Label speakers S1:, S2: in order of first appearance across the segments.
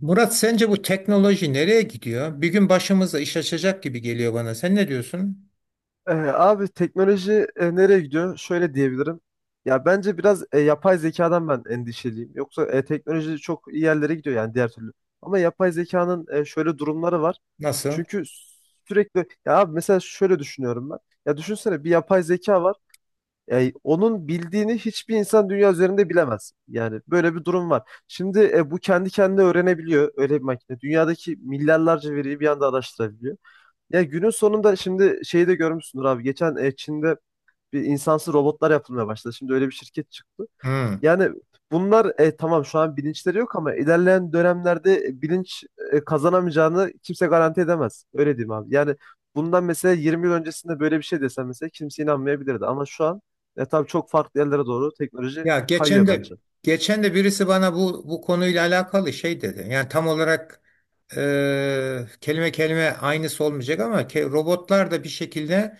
S1: Murat sence bu teknoloji nereye gidiyor? Bir gün başımıza iş açacak gibi geliyor bana. Sen ne diyorsun?
S2: Abi teknoloji nereye gidiyor? Şöyle diyebilirim. Ya bence biraz yapay zekadan ben endişeliyim. Yoksa teknoloji çok iyi yerlere gidiyor yani diğer türlü. Ama yapay zekanın şöyle durumları var.
S1: Nasıl?
S2: Çünkü sürekli ya abi mesela şöyle düşünüyorum ben. Ya düşünsene bir yapay zeka var. Onun bildiğini hiçbir insan dünya üzerinde bilemez. Yani böyle bir durum var. Şimdi bu kendi kendine öğrenebiliyor öyle bir makine. Dünyadaki milyarlarca veriyi bir anda araştırabiliyor. Ya günün sonunda şimdi şeyi de görmüşsündür abi. Geçen Çin'de bir insansız robotlar yapılmaya başladı. Şimdi öyle bir şirket çıktı.
S1: Hmm.
S2: Yani bunlar tamam şu an bilinçleri yok ama ilerleyen dönemlerde bilinç kazanamayacağını kimse garanti edemez. Öyle diyeyim abi. Yani bundan mesela 20 yıl öncesinde böyle bir şey desem mesela kimse inanmayabilirdi. Ama şu an tabii çok farklı yerlere doğru teknoloji
S1: Ya geçen
S2: kayıyor
S1: de
S2: bence.
S1: geçen de birisi bana bu konuyla alakalı şey dedi. Yani tam olarak kelime kelime aynısı olmayacak ama robotlar da bir şekilde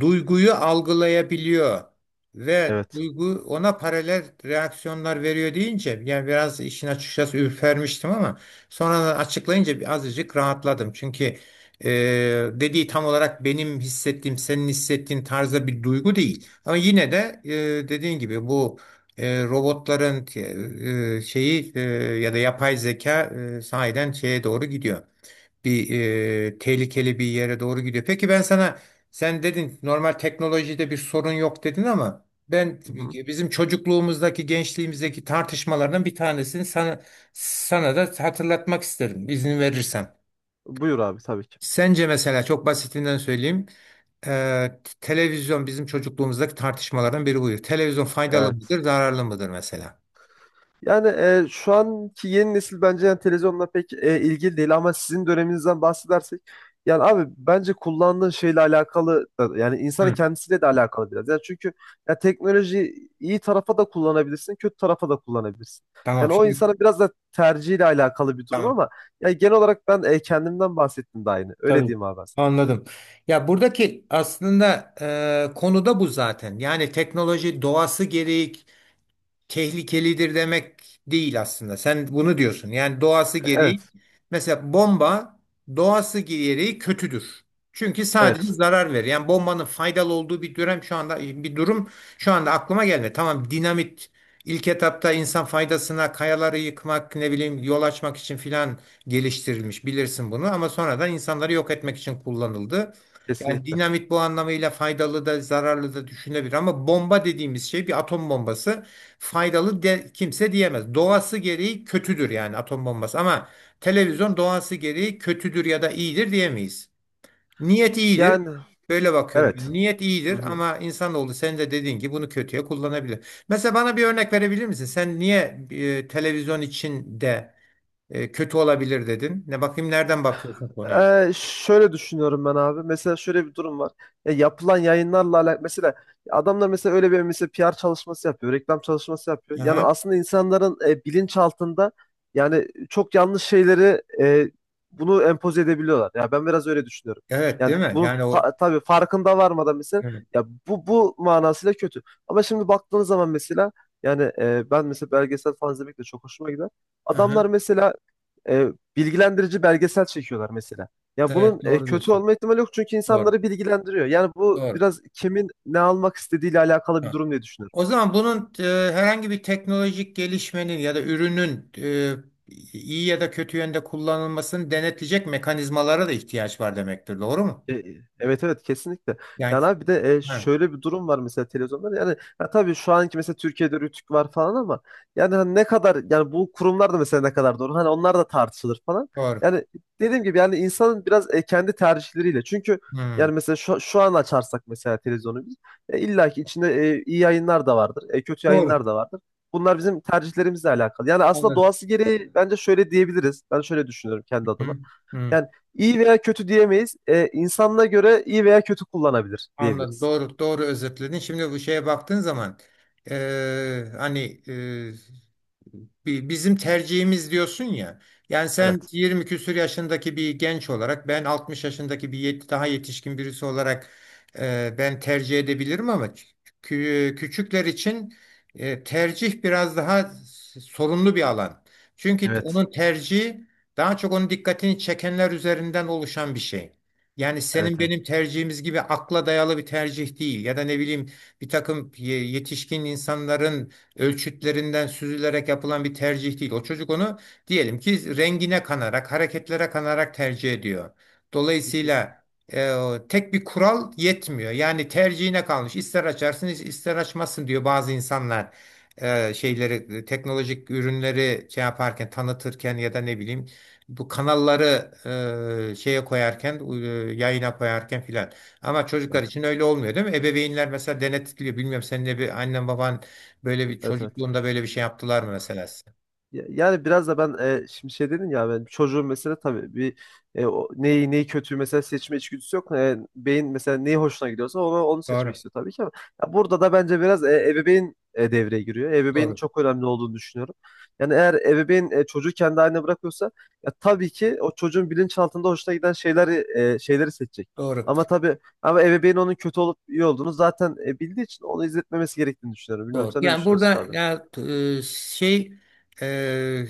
S1: duyguyu algılayabiliyor ve
S2: Evet.
S1: duygu ona paralel reaksiyonlar veriyor deyince yani biraz işin açıkçası ürpermiştim ama sonradan açıklayınca bir azıcık rahatladım. Çünkü e, dediği tam olarak benim hissettiğim, senin hissettiğin tarzda bir duygu değil. Ama yine de dediğin gibi bu robotların şeyi ya da yapay zeka sahiden şeye doğru gidiyor. Bir tehlikeli bir yere doğru gidiyor. Peki ben sana sen dedin normal teknolojide bir sorun yok dedin ama ben
S2: Hı hı.
S1: bizim çocukluğumuzdaki gençliğimizdeki tartışmalardan bir tanesini sana da hatırlatmak isterim izin verirsen.
S2: Buyur abi, tabii ki.
S1: Sence mesela çok basitinden söyleyeyim. Televizyon bizim çocukluğumuzdaki tartışmalardan biri buydu. Televizyon faydalı
S2: Evet.
S1: mıdır, zararlı mıdır mesela?
S2: Yani şu anki yeni nesil bence yani televizyonla pek ilgili değil, ama sizin döneminizden bahsedersek yani abi bence kullandığın şeyle alakalı yani insanın
S1: Hı.
S2: kendisiyle de alakalı biraz. Yani çünkü ya teknoloji iyi tarafa da kullanabilirsin, kötü tarafa da kullanabilirsin.
S1: Tamam
S2: Yani o
S1: şimdi
S2: insanın biraz da tercihiyle alakalı bir durum,
S1: tamam
S2: ama yani genel olarak ben kendimden bahsettim de aynı. Öyle
S1: tabii
S2: diyeyim abi ben.
S1: anladım. Ya buradaki aslında konu da bu zaten. Yani teknoloji doğası gereği tehlikelidir demek değil aslında. Sen bunu diyorsun. Yani doğası gereği
S2: Evet,
S1: mesela bomba doğası gereği kötüdür. Çünkü sadece
S2: evet,
S1: zarar verir. Yani bombanın faydalı olduğu bir dönem şu anda bir durum şu anda aklıma gelmedi. Tamam, dinamit ilk etapta insan faydasına kayaları yıkmak ne bileyim yol açmak için filan geliştirilmiş bilirsin bunu ama sonradan insanları yok etmek için kullanıldı. Yani
S2: kesinlikle.
S1: dinamit bu anlamıyla faydalı da zararlı da düşünebilir ama bomba dediğimiz şey bir atom bombası faydalı de, kimse diyemez. Doğası gereği kötüdür yani atom bombası ama televizyon doğası gereği kötüdür ya da iyidir diyemeyiz. Niyet iyidir.
S2: Yani
S1: Böyle bakıyorum.
S2: evet.
S1: Yani niyet
S2: Hı
S1: iyidir
S2: hı.
S1: ama insanoğlu sen de dediğin gibi bunu kötüye kullanabilir. Mesela bana bir örnek verebilir misin? Sen niye televizyon için de kötü olabilir dedin? Ne bakayım nereden bakıyorsun konuya?
S2: Şöyle düşünüyorum ben abi. Mesela şöyle bir durum var. Ya yapılan yayınlarla alakalı mesela adamlar mesela öyle bir mesela PR çalışması yapıyor, reklam çalışması yapıyor. Yani
S1: Aha.
S2: aslında insanların bilinç altında yani çok yanlış şeyleri bunu empoze edebiliyorlar. Ya ben biraz öyle düşünüyorum.
S1: Evet,
S2: Yani
S1: değil mi?
S2: bunun
S1: Yani o
S2: tabii farkında varmadan mesela
S1: evet.
S2: ya bu manasıyla kötü. Ama şimdi baktığınız zaman mesela yani ben mesela belgesel falan izlemek de çok hoşuma gider.
S1: Aha.
S2: Adamlar mesela e, bilgilendirici belgesel çekiyorlar mesela. Ya bunun
S1: Evet, doğru
S2: kötü
S1: diyorsun.
S2: olma ihtimali yok çünkü
S1: Doğru.
S2: insanları bilgilendiriyor. Yani bu
S1: Doğru.
S2: biraz kimin ne almak istediğiyle alakalı bir
S1: Tamam.
S2: durum diye düşünüyorum.
S1: O zaman bunun herhangi bir teknolojik gelişmenin ya da ürünün iyi ya da kötü yönde kullanılmasını denetleyecek mekanizmalara da ihtiyaç var demektir. Doğru mu?
S2: Evet, evet, kesinlikle.
S1: Yani
S2: Yani abi bir de e,
S1: ha,
S2: şöyle bir durum var mesela televizyonda. Yani ha, tabii şu anki mesela Türkiye'de Rütük var falan ama yani hani ne kadar yani bu kurumlar da mesela ne kadar doğru. Hani onlar da tartışılır falan.
S1: doğru.
S2: Yani dediğim gibi yani insanın biraz kendi tercihleriyle. Çünkü yani
S1: Hmm,
S2: mesela şu an açarsak mesela televizyonu biz illa ki içinde iyi yayınlar da vardır. Kötü
S1: doğru.
S2: yayınlar da vardır. Bunlar bizim tercihlerimizle alakalı. Yani aslında
S1: Anladım.
S2: doğası gereği bence şöyle diyebiliriz. Ben şöyle düşünüyorum kendi adıma.
S1: Hı, hı,
S2: Yani iyi veya kötü diyemeyiz. İnsanına göre iyi veya kötü kullanabilir
S1: anladım.
S2: diyebiliriz.
S1: Doğru, doğru özetledin. Şimdi bu şeye baktığın zaman hani e, bizim tercihimiz diyorsun ya. Yani sen
S2: Evet.
S1: 20 küsur yaşındaki bir genç olarak ben 60 yaşındaki bir daha yetişkin birisi olarak ben tercih edebilirim ama küçükler için tercih biraz daha sorunlu bir alan. Çünkü
S2: Evet.
S1: onun tercihi daha çok onun dikkatini çekenler üzerinden oluşan bir şey. Yani senin
S2: Evet, evet.
S1: benim tercihimiz gibi akla dayalı bir tercih değil ya da ne bileyim bir takım yetişkin insanların ölçütlerinden süzülerek yapılan bir tercih değil. O çocuk onu diyelim ki rengine kanarak, hareketlere kanarak tercih ediyor.
S2: Kesin.
S1: Dolayısıyla e, tek bir kural yetmiyor. Yani tercihine kalmış. İster açarsın, ister açmazsın diyor bazı insanlar. Şeyleri, teknolojik ürünleri şey yaparken, tanıtırken ya da ne bileyim bu kanalları şeye koyarken, yayına koyarken filan. Ama çocuklar
S2: Evet.
S1: için öyle olmuyor değil mi? Ebeveynler mesela denetliyor. Bilmiyorum senin bir annen baban böyle bir
S2: Evet, evet.
S1: çocukluğunda böyle bir şey yaptılar mı mesela size?
S2: Yani biraz da ben şimdi şey dedin ya, ben çocuğun mesela tabii bir neyi kötü mesela seçme içgüdüsü yok. Beyin mesela neyi hoşuna gidiyorsa onu seçmek
S1: Doğru.
S2: istiyor tabii ki, ama ya burada da bence biraz ebeveyn devreye giriyor. Ebeveynin
S1: Doğru.
S2: çok önemli olduğunu düşünüyorum. Yani eğer ebeveyn çocuğu kendi haline bırakıyorsa ya tabii ki o çocuğun bilinçaltında hoşuna giden şeyleri seçecek.
S1: Doğru.
S2: Ama tabii ama ebeveyn onun kötü olup iyi olduğunu zaten bildiği için onu izletmemesi gerektiğini düşünüyorum. Bilmiyorum,
S1: Doğru.
S2: sen ne
S1: Yani
S2: düşünüyorsun
S1: burada
S2: abi?
S1: ya şey e,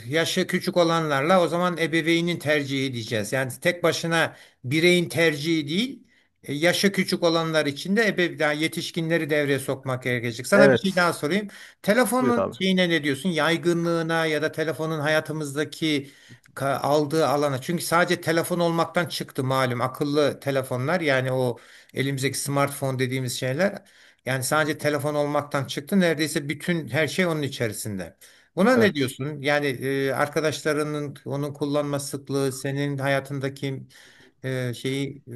S1: yaşı küçük olanlarla o zaman ebeveynin tercihi diyeceğiz. Yani tek başına bireyin tercihi değil, yaşı küçük olanlar için de ebe daha yetişkinleri devreye sokmak gerekecek. Sana bir şey
S2: Evet.
S1: daha sorayım.
S2: Buyur
S1: Telefonun
S2: abi.
S1: şeyine ne diyorsun? Yaygınlığına ya da telefonun hayatımızdaki aldığı alana. Çünkü sadece telefon olmaktan çıktı malum akıllı telefonlar yani o elimizdeki smartphone dediğimiz şeyler yani sadece telefon olmaktan çıktı. Neredeyse bütün her şey onun içerisinde. Buna ne
S2: Evet.
S1: diyorsun? Yani arkadaşlarının onun kullanma sıklığı, senin hayatındaki şeyi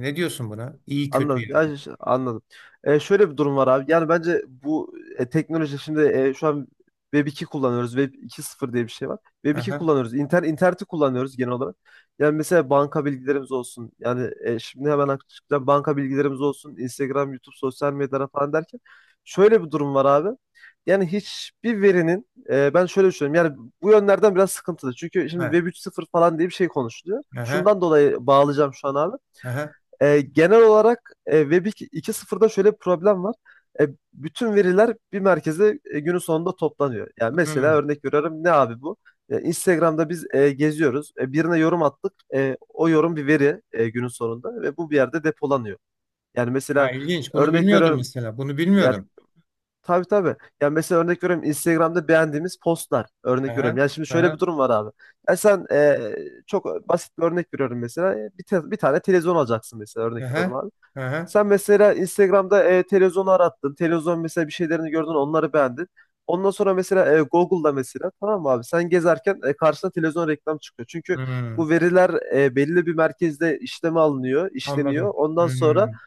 S1: ne diyorsun buna? İyi kötü
S2: Anladım.
S1: yani.
S2: Ya, anladım. Şöyle bir durum var abi. Yani bence bu teknoloji şimdi şu an Web 2 kullanıyoruz. Web 2.0 diye bir şey var. Web 2
S1: Aha,
S2: kullanıyoruz. İnterneti kullanıyoruz genel olarak. Yani mesela banka bilgilerimiz olsun. Yani şimdi hemen aklıma açıkçası banka bilgilerimiz olsun. Instagram, YouTube, sosyal medyalara falan derken. Şöyle bir durum var abi. Yani hiçbir verinin ben şöyle düşünüyorum. Yani bu yönlerden biraz sıkıntılı. Çünkü şimdi
S1: aha,
S2: Web 3.0 falan diye bir şey konuşuluyor.
S1: aha,
S2: Şundan dolayı bağlayacağım şu an abi.
S1: aha.
S2: Genel olarak Web 2.0'da şöyle bir problem var. E, Bütün veriler bir merkeze günün sonunda toplanıyor. Yani mesela
S1: Hmm.
S2: örnek veriyorum ne abi bu? Instagram'da biz geziyoruz. Birine yorum attık. O yorum bir veri günün sonunda ve bu bir yerde depolanıyor. Yani
S1: Ha,
S2: mesela
S1: ilginç. Bunu
S2: örnek
S1: bilmiyordum
S2: veriyorum
S1: mesela. Bunu
S2: ya,
S1: bilmiyordum.
S2: tabii tabii. Yani mesela örnek veriyorum Instagram'da beğendiğimiz postlar, örnek veriyorum.
S1: Aha,
S2: Yani şimdi şöyle bir
S1: aha,
S2: durum var abi. Ya sen çok basit bir örnek veriyorum mesela. Bir tane televizyon alacaksın mesela, örnek veriyorum
S1: aha,
S2: abi.
S1: aha.
S2: Sen mesela Instagram'da televizyonu arattın. Televizyon mesela bir şeylerini gördün, onları beğendin. Ondan sonra mesela Google'da mesela, tamam mı abi, sen gezerken karşına televizyon reklam çıkıyor. Çünkü
S1: Hmm.
S2: bu veriler belli bir merkezde işleme alınıyor, işleniyor.
S1: Anladım.
S2: Ondan sonra
S1: Hmm.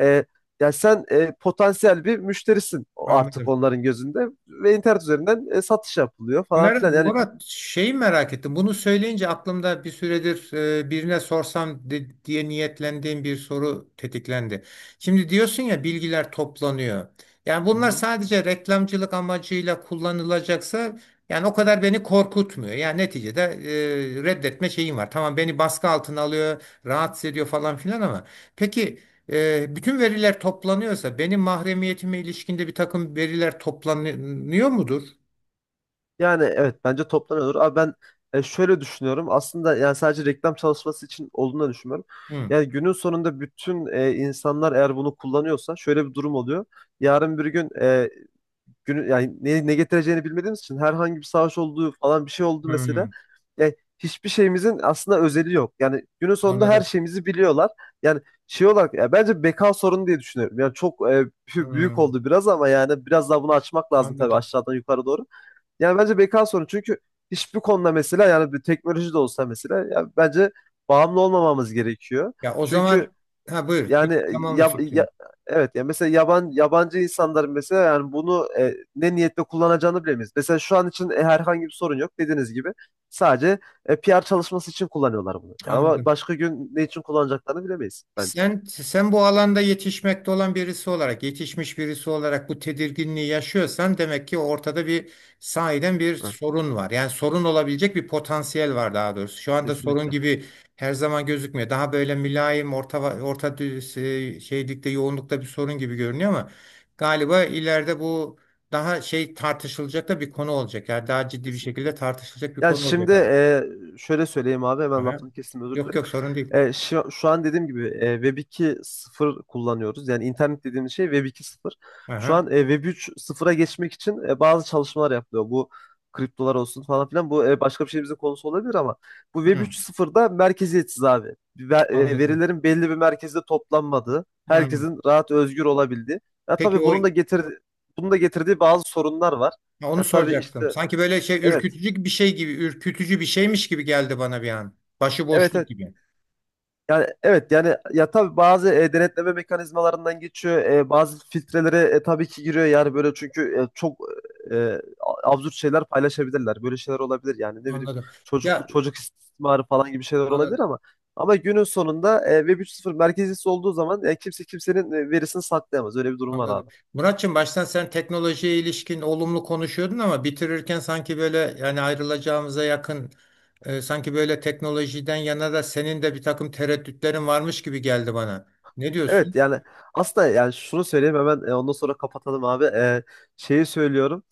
S2: e, ya sen potansiyel bir müşterisin artık
S1: Anladım.
S2: onların gözünde ve internet üzerinden satış yapılıyor falan filan. Yani
S1: Murat, şeyi merak ettim. Bunu söyleyince aklımda bir süredir birine sorsam diye niyetlendiğim bir soru tetiklendi. Şimdi diyorsun ya bilgiler toplanıyor. Yani bunlar sadece reklamcılık amacıyla kullanılacaksa yani o kadar beni korkutmuyor. Yani neticede reddetme şeyim var. Tamam, beni baskı altına alıyor, rahatsız ediyor falan filan ama peki bütün veriler toplanıyorsa benim mahremiyetime ilişkinde bir takım veriler toplanıyor mudur?
S2: Yani evet, bence toptan olur. Abi ben şöyle düşünüyorum. Aslında yani sadece reklam çalışması için olduğunu düşünmüyorum.
S1: Hı.
S2: Yani günün sonunda bütün insanlar eğer bunu kullanıyorsa şöyle bir durum oluyor. Yarın bir gün e, günü yani ne getireceğini bilmediğimiz için herhangi bir savaş olduğu falan, bir şey oldu mesela.
S1: Hı.
S2: Yani hiçbir şeyimizin aslında özeli yok. Yani günün sonunda her
S1: Anladım.
S2: şeyimizi biliyorlar. Yani şey olarak ya bence beka sorunu diye düşünüyorum. Yani çok büyük
S1: Hmm,
S2: oldu biraz ama yani biraz daha bunu açmak lazım tabii
S1: anladım.
S2: aşağıdan yukarı doğru. Yani bence beka sorunu çünkü hiçbir konuda mesela yani bir teknoloji de olsa mesela ya bence bağımlı olmamamız gerekiyor.
S1: Ya o
S2: Çünkü
S1: zaman ha buyur. Bir
S2: yani
S1: tamamla
S2: ya, ya-
S1: fikrini.
S2: evet ya mesela yabancı insanların mesela yani bunu ne niyetle kullanacağını bilemeyiz. Mesela şu an için herhangi bir sorun yok dediğiniz gibi sadece PR çalışması için kullanıyorlar bunu. Ama
S1: Anladım.
S2: başka gün ne için kullanacaklarını bilemeyiz bence.
S1: Sen bu alanda yetişmekte olan birisi olarak, yetişmiş birisi olarak bu tedirginliği yaşıyorsan demek ki ortada bir sahiden bir
S2: Evet,
S1: sorun var. Yani sorun olabilecek bir potansiyel var daha doğrusu. Şu anda sorun
S2: kesinlikle.
S1: gibi her zaman gözükmüyor. Daha böyle mülayim, orta orta şeylikte, yoğunlukta bir sorun gibi görünüyor ama galiba ileride bu daha şey tartışılacak da bir konu olacak. Yani daha ciddi bir
S2: Kesinlikle.
S1: şekilde tartışılacak bir
S2: Ya
S1: konu
S2: şimdi
S1: olacak abi.
S2: şöyle söyleyeyim abi, hemen
S1: Aha.
S2: lafını kestim, özür
S1: Yok
S2: dilerim.
S1: yok, sorun değil.
S2: Şu an dediğim gibi Web 2.0 kullanıyoruz. Yani internet dediğimiz şey Web 2.0. Şu
S1: Aha.
S2: an Web 3.0'a geçmek için bazı çalışmalar yapılıyor. Bu kriptolar olsun falan filan. Bu başka bir şeyimizin konusu olabilir ama bu Web
S1: Hı,
S2: 3.0'da merkeziyetsiz abi.
S1: anladım.
S2: Verilerin belli bir merkezde toplanmadığı,
S1: Hı.
S2: herkesin rahat özgür olabildiği. Ya
S1: Peki
S2: tabii
S1: o
S2: bunun da getirdiği bazı sorunlar var.
S1: onu
S2: Ya tabii
S1: soracaktım.
S2: işte
S1: Sanki böyle şey
S2: evet.
S1: ürkütücü bir şey gibi, ürkütücü bir şeymiş gibi geldi bana bir an. Başı
S2: Evet,
S1: boşluk
S2: evet.
S1: gibi.
S2: Yani evet, yani ya tabii bazı denetleme mekanizmalarından geçiyor. Bazı filtrelere tabii ki giriyor, yani böyle, çünkü çok e, absürt şeyler paylaşabilirler. Böyle şeyler olabilir, yani ne bileyim
S1: Anladım.
S2: çocuk
S1: Ya
S2: çocuk istismarı falan gibi şeyler olabilir,
S1: an-
S2: ama ama günün sonunda Web 3.0 merkezcisi olduğu zaman kimse kimsenin verisini saklayamaz. Öyle bir durum var
S1: anladım.
S2: abi.
S1: Muratçım, baştan sen teknolojiye ilişkin olumlu konuşuyordun ama bitirirken sanki böyle yani ayrılacağımıza yakın sanki böyle teknolojiden yana da senin de bir takım tereddütlerin varmış gibi geldi bana. Ne
S2: Evet
S1: diyorsun?
S2: yani aslında yani şunu söyleyeyim hemen ondan sonra kapatalım abi. Şeyi söylüyorum.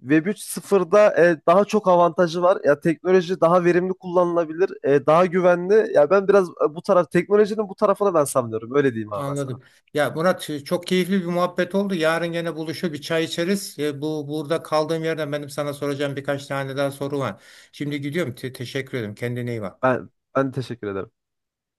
S2: Web 3.0'da daha çok avantajı var. Ya teknoloji daha verimli kullanılabilir, daha güvenli. Ya ben biraz e, bu taraf teknolojinin bu tarafına ben sanmıyorum. Öyle diyeyim abi ben sana.
S1: Anladım. Ya Murat, çok keyifli bir muhabbet oldu. Yarın gene buluşup bir çay içeriz. E, bu burada kaldığım yerden benim sana soracağım birkaç tane daha soru var. Şimdi gidiyorum. Teşekkür ederim. Kendine iyi bak.
S2: Ben ben teşekkür ederim.